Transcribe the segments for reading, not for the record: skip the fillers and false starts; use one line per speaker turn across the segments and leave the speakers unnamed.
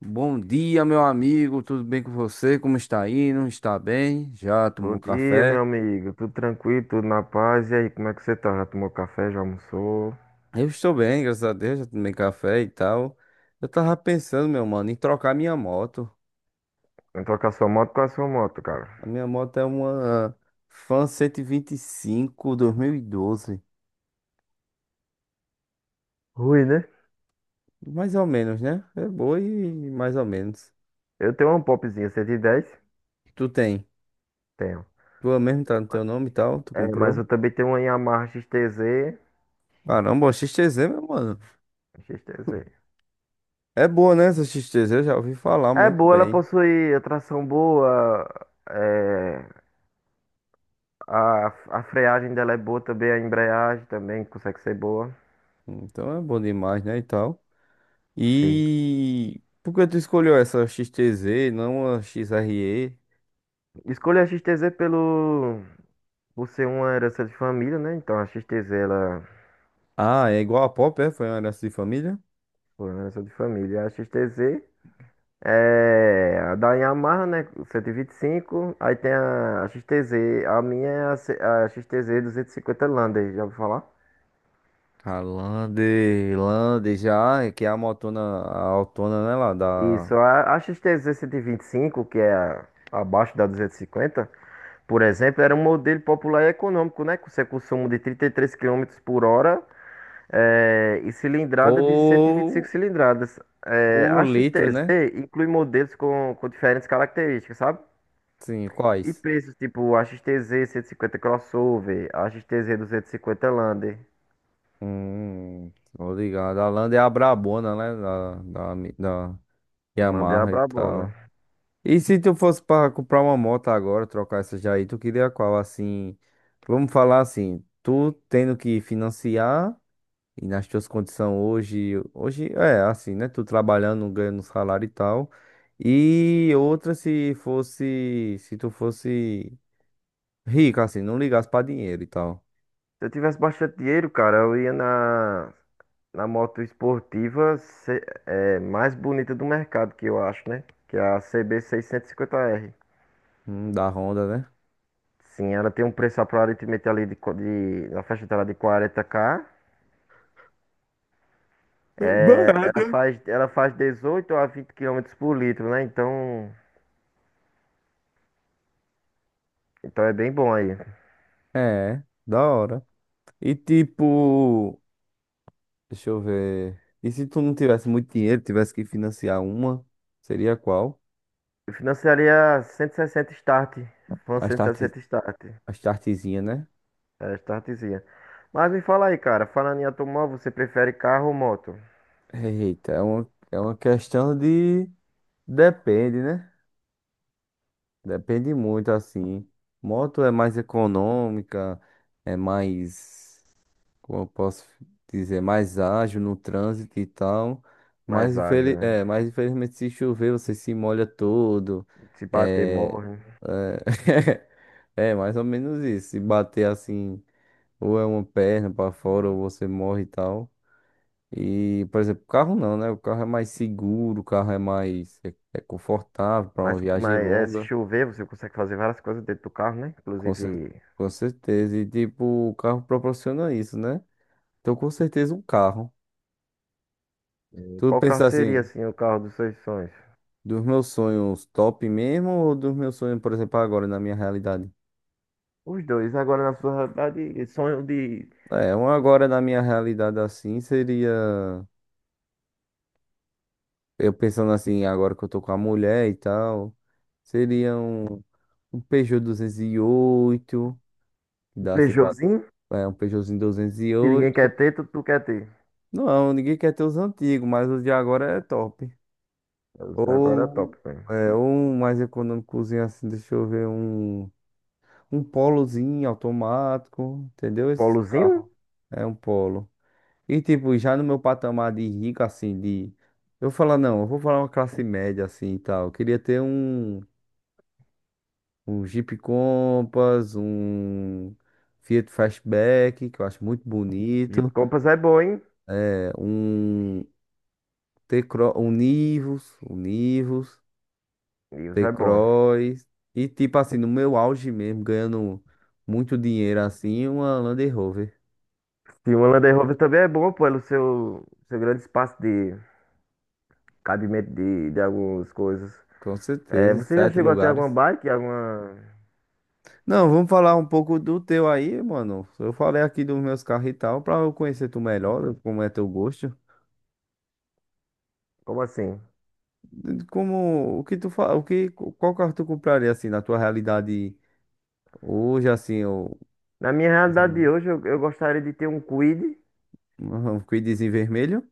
Bom dia, meu amigo. Tudo bem com você? Como está indo? Está bem? Já
Bom
tomou
dia,
café?
meu amigo. Tudo tranquilo, tudo na paz. E aí, como é que você tá? Já tomou café? Já almoçou?
Eu estou bem, graças a Deus. Já tomei café e tal. Eu tava pensando, meu mano, em trocar minha moto.
Entrou com a sua moto? Qual é a sua moto, cara?
A minha moto é uma Fan 125 2012.
Rui, né?
Mais ou menos, né? É boa e mais ou menos.
Eu tenho uma Popzinha 110.
Tu tem?
Tenho.
Tua mesmo tá no teu nome e tal? Tu
É, mas
comprou?
eu também tenho uma Yamaha XTZ.
Caramba, a XTZ, meu mano.
XTZ.
É boa, né? Essa XTZ, eu já ouvi falar
É
muito
boa, ela
bem.
possui a tração boa. é, a, a freagem dela é boa também, a embreagem também consegue ser boa.
Então é bom demais, né? E tal.
Sim.
E por que tu escolheu essa X T Z, não a X R E?
Escolhi a XTZ por ser uma herança de família, né? Então a XTZ, ela
Ah, é igual a Pop, é? Foi uma herança de família?
segurança de família. A XTZ é a da Yamaha, né? 125. Aí tem a XTZ. A minha é a XTZ 250 Lander, já ouviu falar?
A Lande já, é que é a motona, a autona, né, lá, da...
Isso. A XTZ 125, que é abaixo da 250, por exemplo, era um modelo popular e econômico, né? Com seu consumo de 33 quilômetros por hora e cilindrada de 125
Por...
cilindradas. É,
o
a
litro,
XTZ
né?
inclui modelos com diferentes características, sabe?
Sim,
E
quais?
preços tipo XTZ 150 crossover, XTZ 250 Lander.
Hum, tô ligado. A Lande é a brabona, né, da
Lander é a
Yamaha e
brabona.
tal. E se tu fosse para comprar uma moto agora, trocar essa já aí, tu queria qual? Assim, vamos falar assim, tu tendo que financiar e nas tuas condições hoje, hoje é assim, né? Tu trabalhando, ganhando salário e tal. E outra se tu fosse rico, assim, não ligasse para dinheiro e tal.
Se eu tivesse bastante dinheiro, cara, eu ia na moto esportiva mais bonita do mercado, que eu acho, né? Que é a CB 50R.
Da Honda, né?
Sim, ela tem um preço aparentemente ali na faixa dela de 40K. Ela
Barato.
faz, ela faz 18 a 20 quilômetros por litro, né? Então, é bem bom aí.
É, da hora. E tipo. Deixa eu ver. E se tu não tivesse muito dinheiro, tivesse que financiar uma, seria qual?
Eu financiaria 160 start. Foi
A
cento e
start,
sessenta start.
a startzinha, né?
Era startzinha. Mas me fala aí, cara. Falando em automóvel, você prefere carro ou moto?
Eita, é uma questão de. Depende, né? Depende muito, assim. Moto é mais econômica, é mais. Como eu posso dizer? Mais ágil no trânsito e tal.
Mais
Mas,
ágil,
infeli
né?
é, mas infelizmente, se chover, você se molha todo.
Se bater,
É.
morre.
É. É, mais ou menos isso. Se bater assim, ou é uma perna pra fora, ou você morre e tal. E, por exemplo, o carro não, né? O carro é mais seguro, o carro é mais é confortável pra
Mas,
uma viagem
mas é, se
longa,
chover, você consegue fazer várias coisas dentro do carro, né?
com, cer-
Inclusive,
com certeza. E, tipo, o carro proporciona isso, né? Então, com certeza, um carro. Tu
qual carro
pensa
seria,
assim,
assim, o carro dos seus sonhos?
dos meus sonhos top mesmo, ou dos meus sonhos, por exemplo, agora na minha realidade?
Os dois. Agora, na sua realidade, sonho de
É, um agora na minha realidade assim seria. Eu pensando assim, agora que eu tô com a mulher e tal, seria um Peugeot 208 que
um
dá assim pra,
Peugeotzinho,
é um Peugeotzinho duzentos e
que ninguém
oito
quer ter, tu quer ter.
Não, ninguém quer ter os antigos, mas os de agora é top.
Agora é
Ou
top, velho.
é um mais econômicozinho assim, deixa eu ver, um Polozinho automático, entendeu? Esses
Polozinho?
carros. É um Polo. E tipo, já no meu patamar de rico, assim, de. Eu vou falar, não, eu vou falar uma classe média assim e tal. Eu queria ter um. Um Jeep Compass, um Fiat Fastback, que eu acho muito
Jeep
bonito,
Compass é bom, hein?
é, um T-Cross, um Nivus,
Livros é bom.
T-Cross, e tipo assim, no meu auge mesmo, ganhando muito dinheiro assim, uma Land Rover,
Sim, o Land Rover também é bom pelo seu grande espaço de cabimento de algumas coisas.
com
É,
certeza,
você já
sete
chegou a ter alguma
lugares.
bike? Alguma...
Não, vamos falar um pouco do teu aí, mano. Eu falei aqui dos meus carros e tal, pra eu conhecer tu melhor, como é teu gosto.
Como assim?
Como o que tu fa... o que qual carro tu compraria assim na tua realidade hoje assim o
Na minha
mais ou
realidade de
menos,
hoje, eu gostaria de ter um Kwid,
um quidezinho vermelho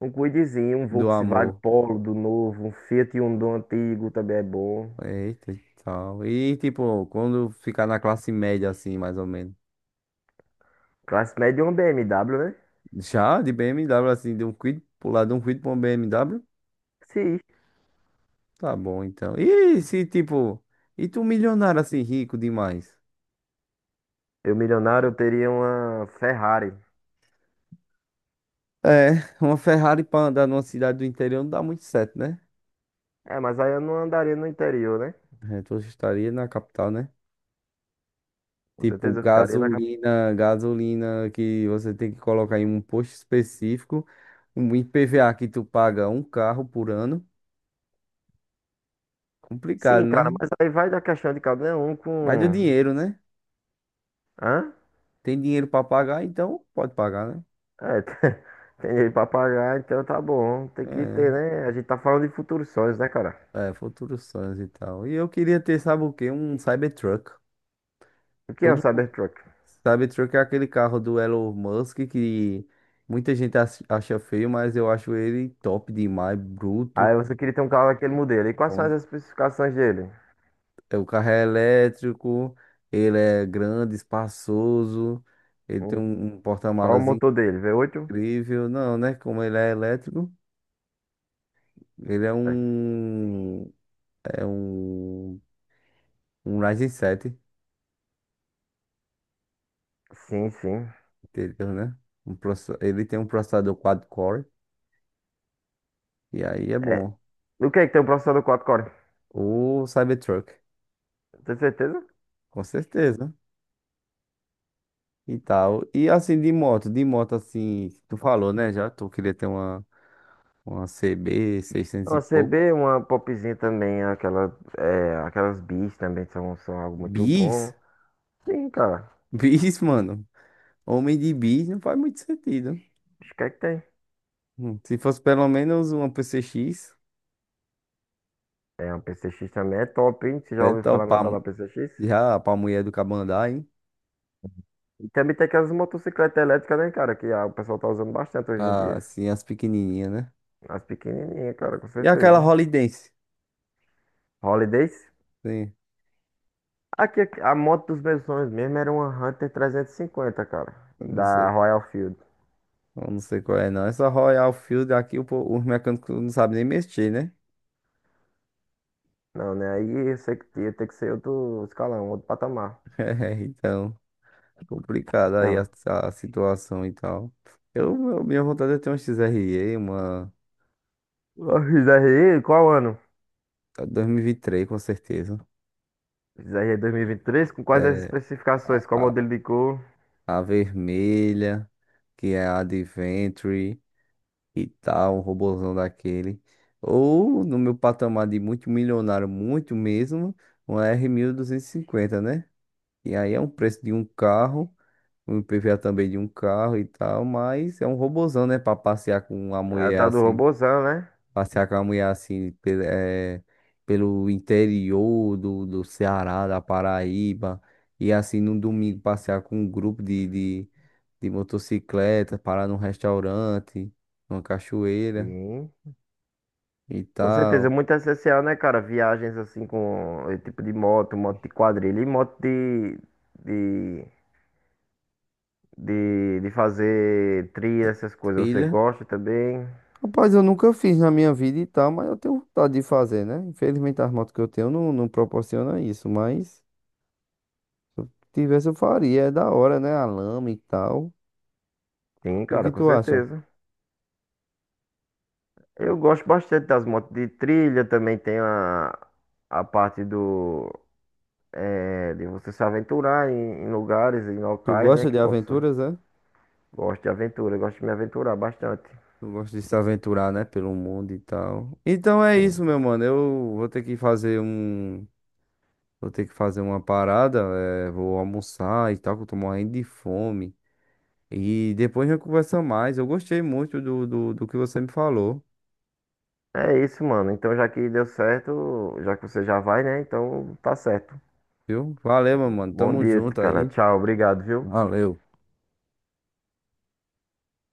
um Kwidzinho, um
do
Volkswagen
amor.
Polo do novo, um Fiat Uno do antigo também é bom.
Eita, e tal. E tipo, quando ficar na classe média assim, mais ou menos.
Classe média e uma BMW, né?
Já de BMW assim, de um quid pular de um quid para um BMW,
Sim.
tá bom então. E se tipo, e tu milionário assim rico demais?
Eu milionário, eu teria uma Ferrari.
É, uma Ferrari para andar numa cidade do interior não dá muito certo, né?
É, mas aí eu não andaria no interior, né?
A gente estaria na capital, né?
Com
Tipo,
certeza eu ficaria na capital.
gasolina que você tem que colocar em um posto específico, um IPVA que tu paga um carro por ano. Complicado,
Sim, cara,
né?
mas aí vai da questão de cada um
Vai do
com...
dinheiro, né?
Hã?
Tem dinheiro pra pagar, então pode pagar, né?
É, tem dinheiro pra pagar, então tá bom. Tem que ter, né? A gente tá falando de futuros sonhos, né, cara?
É, futuros sonhos e tal. E eu queria ter, sabe o quê? Um Cybertruck.
O que é o
Todo mundo.
Cybertruck?
Cybertruck é aquele carro do Elon Musk que muita gente acha feio, mas eu acho ele top demais, bruto.
Aí você queria ter um carro daquele modelo. E quais são as especificações dele?
É, o carro é elétrico, ele é grande, espaçoso, ele tem
Hum,
um
Qual é o
porta-malas
motor dele? V8?
incrível. Não, né? Como ele é elétrico, ele é
É.
é um, um Ryzen 7,
Sim, sim.
entendeu, né? Ele tem um processador quad-core, e aí é
É.
bom.
O que é que tem o processador 4 core?
O Cybertruck,
Tem certeza?
com certeza. E tal. E assim, de moto assim, tu falou, né? Já tu queria ter uma CB 600 e
Uma
pouco.
CB, uma popzinha também, aquela, aquelas bis também são algo muito bom.
Bis?
Sim, cara.
Bis, mano. Homem de bis não faz muito sentido.
Acho que é que tem.
Se fosse pelo menos uma PCX,
É, uma PCX também é top, hein? Você já
é
ouviu falar na tal
topar
da PCX?
já pra mulher do Cabandá, hein?
E também tem aquelas motocicletas elétricas, né, cara? Que o pessoal tá usando bastante hoje em
Ah,
dia.
assim, as pequenininhas, né?
As pequenininhas, cara, com
E aquela
certeza.
Holidense?
Holidays.
Sim,
Aqui, aqui, a moto dos meus sonhos mesmo era uma Hunter 350, cara.
eu não
Da
sei.
Royal Field.
Eu não sei qual é, não. Essa Royal Field aqui, os mecânicos não sabem nem mexer, né?
Não, né? Aí eu sei que ia ter que ser outro escalão, outro patamar.
É, então, complicada aí a,
Então.
a situação e tal. Minha vontade é ter uma XRE, uma
A XRE, qual ano?
2023, com certeza.
XRE 2023, com quais as
É,
especificações? Qual modelo de cor?
a vermelha, que é a Adventure e tal, o robozão daquele. Ou no meu patamar de muito milionário, muito mesmo, uma R 1250, né? E aí é um preço de um carro, um IPVA também de um carro e tal, mas é um robozão, né? Pra passear com uma
É, a
mulher
tal do
assim.
robozão, né?
Passear com a mulher assim, pelo, eh, pelo interior do Ceará, da Paraíba. E assim, no domingo, passear com um grupo de motocicleta, parar num restaurante, numa cachoeira
Sim.
e
Com certeza, é
tal.
muito essencial, né, cara? Viagens assim com esse tipo de moto, moto de quadrilha e moto de, de fazer trilha, essas coisas. Você
Trilha.
gosta também?
Rapaz, eu nunca fiz na minha vida e tal, mas eu tenho vontade de fazer, né? Infelizmente, as motos que eu tenho não, não proporcionam isso, mas se eu tivesse, eu faria. É da hora, né? A lama e tal.
Sim,
E o
cara,
que
com
tu acha?
certeza. Eu gosto bastante das motos de trilha, também tem a parte de você se aventurar em lugares, em
Tu
locais, né,
gosta
que
de
posso...
aventuras, é?
Gosto de aventura, gosto de me aventurar bastante.
Eu gosto de se aventurar, né, pelo mundo e tal. Então é
Sim.
isso, meu mano. Eu vou ter que fazer uma parada, vou almoçar e tal, que eu tô morrendo de fome. E depois a gente conversa mais. Eu gostei muito do que você me falou,
É isso, mano. Então, já que deu certo, já que você já vai, né? Então, tá certo.
viu? Valeu, meu mano.
Bom
Tamo
dia,
junto
cara.
aí.
Tchau, obrigado, viu?
Valeu.